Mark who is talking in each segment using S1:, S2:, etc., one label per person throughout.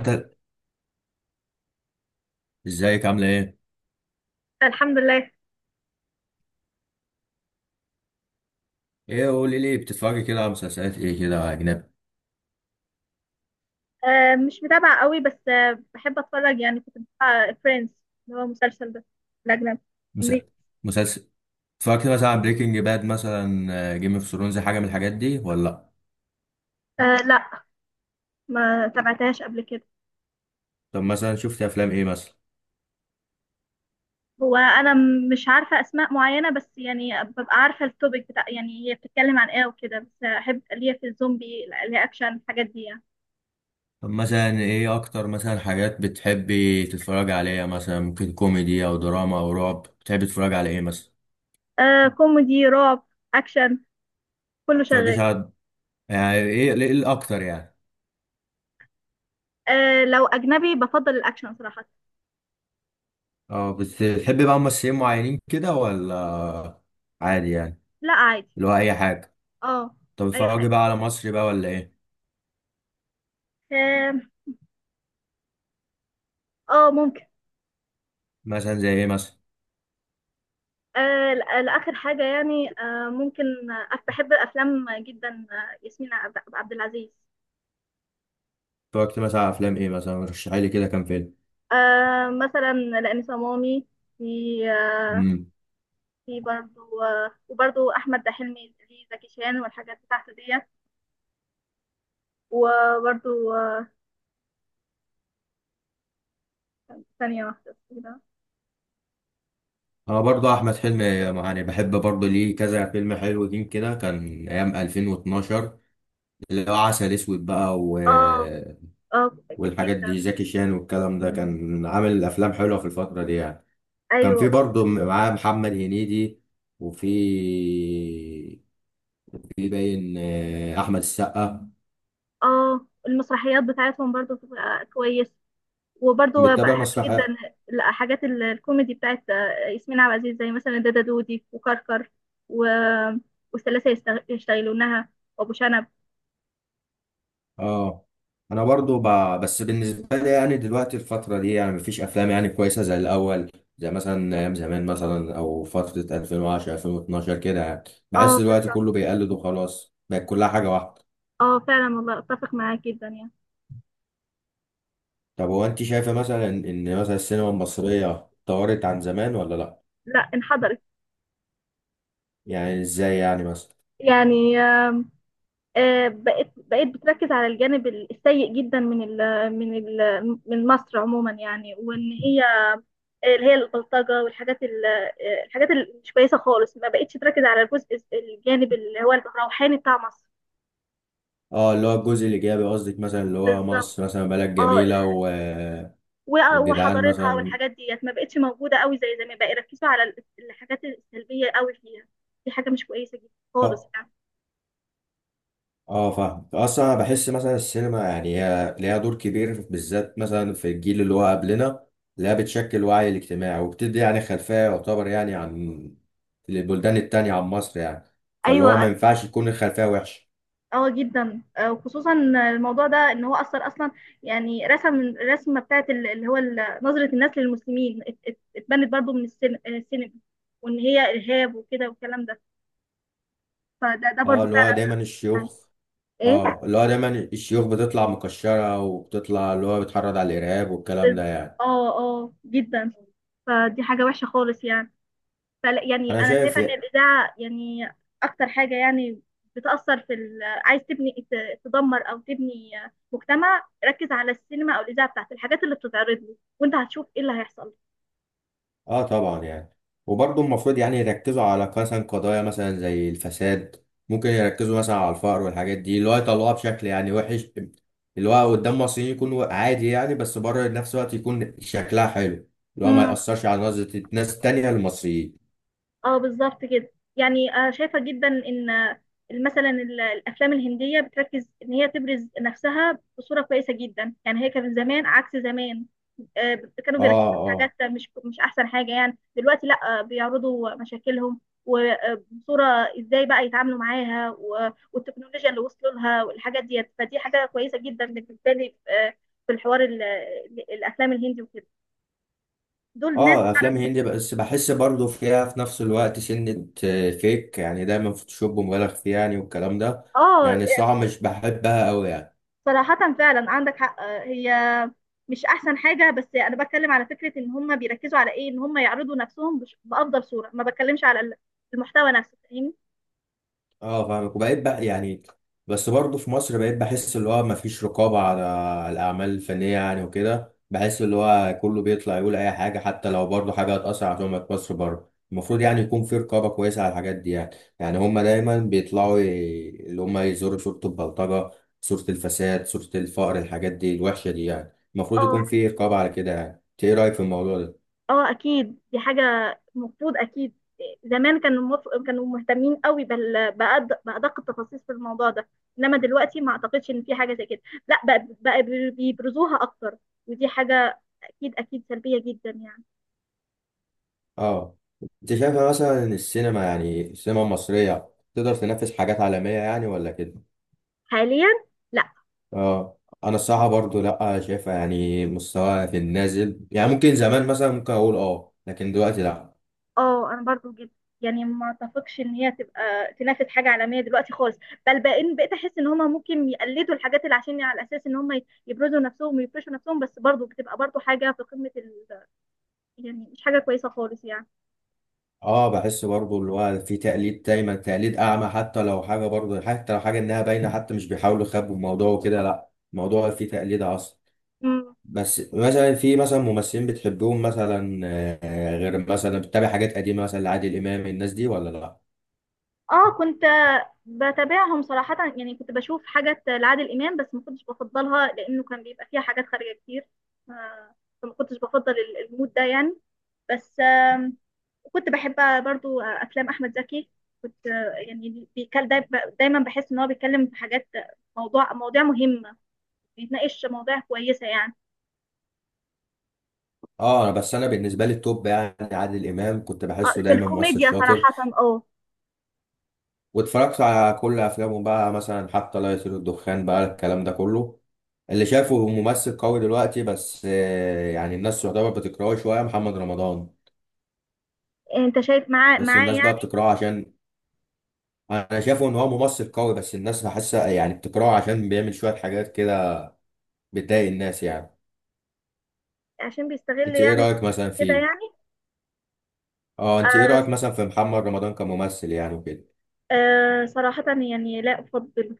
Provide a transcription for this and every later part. S1: انت ازيك عامله ايه؟
S2: الحمد لله.
S1: ايه، قولي لي، بتتفرجي كده على مسلسلات ايه كده اجنبي؟
S2: مش متابعة قوي بس بحب اتفرج، يعني كنت بتابع فريندز اللي هو المسلسل ده الأجنبي،
S1: مس-
S2: أمريكي.
S1: مسلسل اتفرجت مثلا على بريكنج باد، مثلا جيم اوف ثرونز، حاجه من الحاجات دي ولا لا؟
S2: أه لا، ما تابعتهاش قبل كده.
S1: طب مثلا شفت افلام ايه مثلا؟
S2: هو أنا مش عارفة أسماء معينة، بس يعني ببقى عارفة التوبيك بتاع، يعني هي بتتكلم عن إيه وكده، بس أحب ليا في الزومبي، ليا أكشن الحاجات دي يعني.
S1: طب مثلا ايه اكتر مثلا حاجات بتحبي تتفرجي عليها؟ مثلا ممكن كوميدي او دراما او رعب؟ بتحبي تتفرجي على ايه مثلا؟
S2: أه، كوميدي رعب أكشن، كله شغال.
S1: متتفرجيش على، يعني ايه ايه الاكتر يعني؟
S2: أه لو أجنبي بفضل الأكشن صراحة.
S1: اه، بتحبي بقى ممثلين معينين كده ولا عادي يعني؟
S2: لا عادي.
S1: اللي هو اي حاجه.
S2: اه.
S1: طب
S2: أي حاجة.
S1: اتفرجي بقى على مصري بقى ولا ايه؟
S2: اه. ممكن.
S1: مثلا زي ايه مثلا؟
S2: آه لآخر حاجة يعني، ممكن، بحب أفلام جدا، ياسمين عبد العزيز.
S1: اتفرجت مثلا على افلام ايه مثلا؟ رشحي لي كده كام فيلم.
S2: مثلا لأني صمامي في. آه
S1: امم
S2: في برضو، وبرضو أحمد حلمي في زكي شان والحاجات بتاعته ديت، وبرضو ثانية واحدة كده.
S1: انا برضه احمد حلمي يعني بحب، برضه ليه كذا فيلم حلوين كده، كان ايام 2012، اللي هو عسل اسود بقى و...
S2: اه. اه.
S1: والحاجات دي، زكي شان والكلام ده. كان عامل افلام حلوه في الفتره دي يعني. كان في
S2: أيوه.
S1: برضه معاه محمد هنيدي، وفي باين احمد السقا.
S2: اه، المسرحيات بتاعتهم برضو بتبقى كويس، وبرضه
S1: بتتابع
S2: بحب جدا
S1: مسرح؟
S2: الحاجات الكوميدي بتاعت ياسمين عبد العزيز، زي مثلا دادا دودي وكركر و... والثلاثة يشتغلونها وأبو شنب.
S1: اه انا بس بالنسبه لي يعني دلوقتي الفتره دي يعني مفيش افلام يعني كويسه زي الاول، زي مثلا ايام زمان مثلا او فتره 2010، 2012 كده يعني.
S2: اه
S1: بحس دلوقتي
S2: بالظبط.
S1: كله بيقلد وخلاص، بقت كلها حاجه واحده.
S2: اه فعلا والله، اتفق معاك جدا يعني.
S1: طب هو انت شايفه مثلا ان مثلا السينما المصريه اتطورت عن زمان ولا لا؟
S2: لا، انحدرت.
S1: يعني ازاي يعني مثلا؟
S2: يعني بقيت بتركز على الجانب السيء جدا من مصر عموما، يعني وان هي اللي هي البلطجه والحاجات الحاجات اللي مش كويسه خالص، ما بقتش تركز على الجزء الجانب اللي هو الروحاني بتاع مصر.
S1: اه، اللي هو الجزء الايجابي قصدك، مثلا اللي هو
S2: بالظبط.
S1: مصر مثلا بلد
S2: اه
S1: جميله و...
S2: و-
S1: والجدعان
S2: وحضارتها
S1: مثلا.
S2: والحاجات ديت، ما بقتش موجوده قوي زي زمان، بقى يركزوا على الحاجات السلبيه قوي فيها. دي حاجه مش كويسه جدا خالص
S1: آه.
S2: يعني.
S1: اه فاهم. اصلا انا بحس مثلا السينما يعني هي ليها دور كبير، بالذات مثلا في الجيل اللي هو قبلنا، اللي هي بتشكل الوعي الاجتماعي وبتدي يعني خلفية يعتبر يعني عن البلدان التانية عن مصر يعني، فاللي
S2: ايوه.
S1: هو ما ينفعش يكون الخلفية وحشة.
S2: اه جدا، وخصوصا الموضوع ده، ان هو اثر اصلا، يعني رسم الرسمه بتاعت نظره الناس للمسلمين اتبنت برضو من السينما، وان هي ارهاب وكده والكلام ده. فده
S1: اه
S2: برضو
S1: اللي هو
S2: فعلا
S1: دايما
S2: يعني.
S1: الشيوخ.
S2: ايه.
S1: اه اللي هو دايما الشيوخ بتطلع مكشرة، وبتطلع اللي هو بتحرض على الإرهاب والكلام
S2: بز-
S1: ده يعني.
S2: اه اه جدا. فدي حاجه وحشه خالص يعني. فلا يعني،
S1: انا
S2: انا
S1: شايف
S2: شايفه ان الاذاعه يعني اكتر حاجه يعني بتاثر في عايز تبني تدمر او تبني مجتمع، ركز على السينما او الاذاعه بتاعت الحاجات اللي بتتعرض له، وانت هتشوف ايه اللي هيحصل.
S1: اه طبعا يعني، وبرضه المفروض يعني يركزوا على مثلا قضايا مثلا زي الفساد، ممكن يركزوا مثلا على الفقر والحاجات دي، اللي هو يطلعوها بشكل يعني وحش اللي هو قدام مصريين يكون عادي يعني، بس بره نفس الوقت يكون شكلها حلو، اللي هو ما يأثرش على نظرة ناس تانية للمصريين.
S2: اه بالظبط كده يعني. شايفة جدا ان مثلا الافلام الهندية بتركز ان هي تبرز نفسها بصورة كويسة جدا، يعني هي كان زمان عكس زمان، كانوا بيركزوا
S1: اه
S2: في حاجات
S1: اه.
S2: مش احسن حاجة. يعني دلوقتي لا، بيعرضوا مشاكلهم وبصورة ازاي بقى يتعاملوا معاها، والتكنولوجيا اللي وصلوا لها والحاجات ديت، فدي حاجة كويسة جدا بالنسبة لي. في الحوار الافلام الهندي وكده، دول ناس
S1: اه
S2: بتعرف.
S1: افلام هندي بس بحس برضه فيها في نفس الوقت سنة فيك، يعني دايما فوتوشوب مبالغ فيه يعني والكلام ده.
S2: اه.
S1: يعني الصراحة مش بحبها قوي يعني.
S2: صراحة فعلا عندك حق. هي مش احسن حاجه، بس انا بتكلم على فكره ان هم بيركزوا على ايه، ان هم يعرضوا نفسهم بافضل صوره، ما بتكلمش على المحتوى نفسه. فاهمني؟
S1: اه فاهمك، وبقيت بقى يعني، بس برضه في مصر بقيت بحس اللي هو مفيش رقابة على على الأعمال الفنية يعني، وكده بحس اللي هو كله بيطلع يقول أي حاجة، حتى لو برضه حاجة هتأثر على سمعة مصر بره، المفروض يعني يكون في رقابة كويسة على الحاجات دي يعني. يعني هما دايما اللي هما يزوروا صورة البلطجة، صورة الفساد، صورة الفقر، الحاجات دي الوحشة دي يعني، المفروض
S2: اه.
S1: يكون في رقابة على كده يعني. إنت إيه رأيك في الموضوع ده؟
S2: اه اكيد دي حاجه المفروض اكيد. زمان كانوا كانوا مهتمين قوي بادق التفاصيل في الموضوع ده، انما دلوقتي ما اعتقدش ان في حاجه زي كده. لا، بقى بيبرزوها اكتر. ودي حاجه اكيد اكيد سلبيه جدا يعني.
S1: اه انت شايفة مثلا ان السينما، يعني السينما المصرية، تقدر تنافس حاجات عالمية يعني ولا كده؟
S2: حاليا.
S1: اه انا الصراحة برضو لا، شايفها يعني مستواها في النازل يعني، ممكن زمان مثلا ممكن اقول اه، لكن دلوقتي لا.
S2: اه انا برضو جدا يعني، ما اتفقش ان هي تبقى تنافس حاجه عالميه دلوقتي خالص. بل بقيت احس ان هما ممكن يقلدوا الحاجات، اللي عشان على اساس ان هما يبرزوا نفسهم ويفرشوا نفسهم، بس برضو بتبقى برضو حاجه في قمه يعني مش حاجه كويسه خالص يعني.
S1: اه بحس برضو اللي هو في تقليد، دايما تقليد اعمى، حتى لو حاجة برضو، حتى لو حاجة انها باينة، حتى مش بيحاولوا يخبوا الموضوع وكده، لا الموضوع فيه تقليد اصلا.
S2: مم.
S1: بس مثلا في مثلا ممثلين بتحبهم مثلا، غير مثلا بتتابع حاجات قديمة مثلا لعادل امام، الناس دي ولا لا؟
S2: اه كنت بتابعهم صراحه يعني، كنت بشوف حاجات لعادل امام، بس ما كنتش بفضلها لانه كان بيبقى فيها حاجات خارجه كتير. ف- فما كنتش بفضل المود ده يعني. بس وكنت بحب برضو افلام احمد زكي، كنت يعني دايما بحس ان هو بيتكلم في حاجات، مواضيع مهمه، بيتناقش مواضيع كويسه يعني.
S1: اه انا بس، انا بالنسبه لي التوب يعني عادل امام، كنت بحسه
S2: في
S1: دايما ممثل
S2: الكوميديا
S1: شاطر،
S2: صراحه. اه.
S1: واتفرجت على كل افلامه بقى، مثلا حتى لا يطير الدخان بقى، الكلام ده كله اللي شافه ممثل قوي. دلوقتي بس يعني الناس يعتبر بتكرهه شويه، محمد رمضان.
S2: انت شايف معاه
S1: بس
S2: معاه
S1: الناس بقى
S2: يعني،
S1: بتكرهه عشان، انا شايفه ان هو ممثل قوي، بس الناس بحسها يعني بتكرهه عشان بيعمل شويه حاجات كده بتضايق الناس يعني.
S2: عشان بيستغل
S1: انت ايه
S2: يعني
S1: رايك مثلا
S2: كده
S1: فيه؟
S2: يعني.
S1: اه انت ايه
S2: آه.
S1: رايك مثلا في محمد رمضان كممثل يعني وكده؟
S2: آه صراحه يعني لا افضل.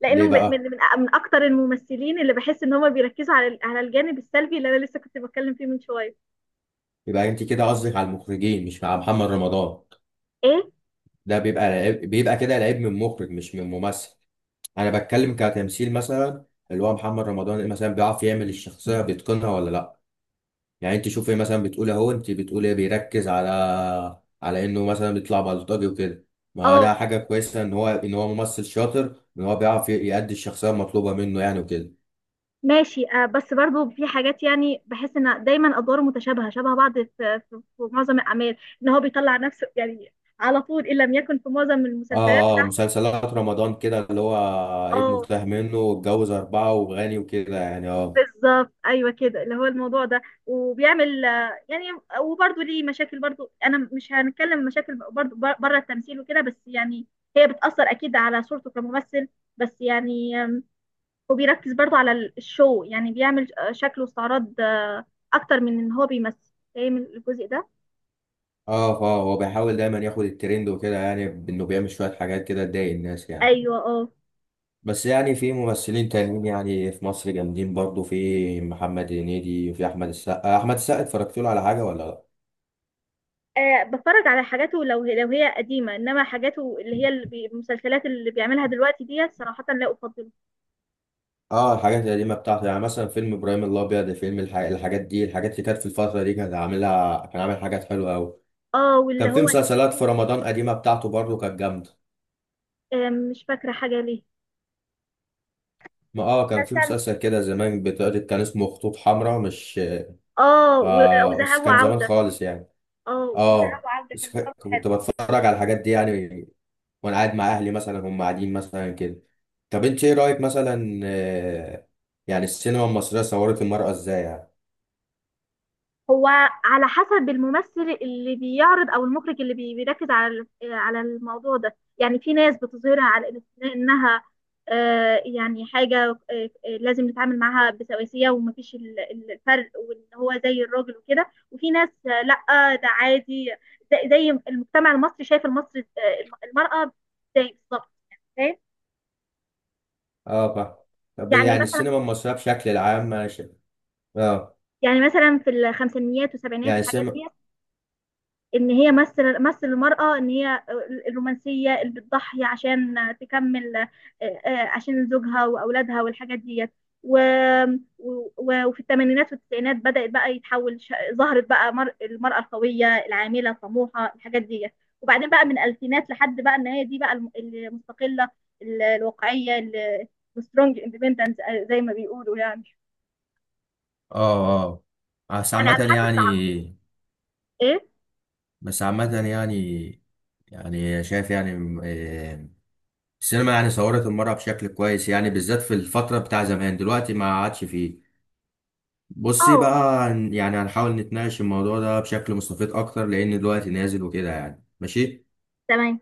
S2: لانه
S1: ليه بقى؟
S2: من اكتر الممثلين اللي بحس ان هم بيركزوا على الجانب السلبي اللي انا لسه كنت بتكلم فيه من شويه.
S1: يبقى انت كده قصدك على المخرجين مش مع محمد رمضان.
S2: ايه.
S1: ده بيبقى لعيب، بيبقى كده لعيب من مخرج مش من ممثل. انا بتكلم كتمثيل مثلا، اللي هو محمد رمضان مثلا بيعرف يعمل الشخصيه بيتقنها ولا لا؟ يعني انت شوفي مثلا، بتقول اهو، انت بتقول ايه بيركز على، على انه مثلا بيطلع بلطجي وكده، ما هو
S2: اه
S1: ده حاجه كويسه ان هو، ان هو ممثل شاطر، ان هو بيعرف يأدي الشخصيه المطلوبه منه يعني وكده.
S2: ماشي. آه بس برضو في حاجات، يعني بحس ان دايما ادواره متشابهه شبه بعض في معظم الاعمال، ان هو بيطلع نفسه يعني على طول، ان لم يكن في معظم المسلسلات.
S1: اه اه، مسلسلات رمضان كده اللي هو ابنه
S2: اه
S1: تاه منه واتجوز اربعه وغني وكده يعني. اه
S2: بالظبط، ايوه كده، اللي هو الموضوع ده وبيعمل يعني، وبرضو ليه مشاكل. برضو انا مش هنتكلم مشاكل برضو بره التمثيل وكده، بس يعني هي بتاثر اكيد على صورته كممثل. بس يعني وبيركز برضو على الشو، يعني بيعمل شكل واستعراض، اكتر من ان هو بيمثل. فاهم الجزء ده؟
S1: اه، فهو بيحاول دايما ياخد الترند وكده يعني، بانه بيعمل شويه حاجات كده تضايق الناس يعني.
S2: ايوه. اه.
S1: بس يعني في ممثلين تانيين يعني في مصر جامدين برضو، في محمد هنيدي، وفي احمد السقا. احمد السقا اتفرجت له على حاجه ولا لا؟
S2: بتفرج على حاجاته لو هي قديمه انما حاجاته اللي هي المسلسلات اللي بيعملها دلوقتي ديت صراحه لا افضله.
S1: اه الحاجات القديمه بتاعته، يعني مثلا فيلم ابراهيم الابيض، فيلم الحاجات دي، الحاجات اللي كانت في الفتره دي كان عاملها، كان عامل حاجات حلوه قوي.
S2: اه واللي
S1: كان في
S2: هو
S1: مسلسلات
S2: تيتو.
S1: في رمضان قديمه بتاعته برضو كانت جامده.
S2: مش فاكره حاجه ليه.
S1: ما اه كان في
S2: مسلسل.
S1: مسلسل كده زمان بتقعد، كان اسمه خطوط حمراء، مش
S2: اه
S1: ف... بس
S2: وذهاب
S1: كان زمان
S2: وعوده.
S1: خالص يعني.
S2: اه وذهاب
S1: اه
S2: وعوده
S1: بس
S2: كان برضه حلو.
S1: كنت بتفرج على الحاجات دي يعني، وانا قاعد مع اهلي مثلا، هم قاعدين مثلا كده. طب انت ايه رايك مثلا، يعني السينما المصريه صورت المراه ازاي يعني؟
S2: هو على حسب الممثل اللي بيعرض او المخرج اللي بيركز على على الموضوع ده يعني. في ناس بتظهرها على انها يعني حاجه، لازم نتعامل معاها بسواسيه، ومفيش الفرق، وان هو زي الراجل وكده. وفي ناس لا ده عادي، زي المجتمع المصري، شايف المصري المراه زي، بالظبط. فاهم؟
S1: اه بقى. طب
S2: يعني
S1: يعني
S2: مثلا
S1: السينما المصريه بشكل العام انا شايف، اه
S2: يعني مثلا في الخمسينيات والسبعينات
S1: يعني
S2: الحاجات دي،
S1: السينما،
S2: ان هي مثل المرأة، ان هي الرومانسية اللي بتضحي عشان تكمل عشان زوجها واولادها والحاجات ديت. و... و... وفي الثمانينات والتسعينات بدأت بقى يتحول، ظهرت بقى المرأة القوية العاملة الطموحة الحاجات ديت. وبعدين بقى من الألفينات لحد بقى ان هي دي بقى المستقلة الواقعية، السترونج اندبندنت زي ما بيقولوا يعني،
S1: اه اه بس
S2: يعني على
S1: عامة
S2: حسب
S1: يعني،
S2: العقل. ايه.
S1: بس عامة يعني، يعني شايف يعني، السينما يعني صورت المرأة بشكل كويس يعني، بالذات في الفترة بتاع زمان، دلوقتي ما عادش فيه. بصي بقى،
S2: اه
S1: يعني هنحاول نتناقش الموضوع ده بشكل مستفيض اكتر، لان دلوقتي نازل وكده يعني. ماشي.
S2: تمام.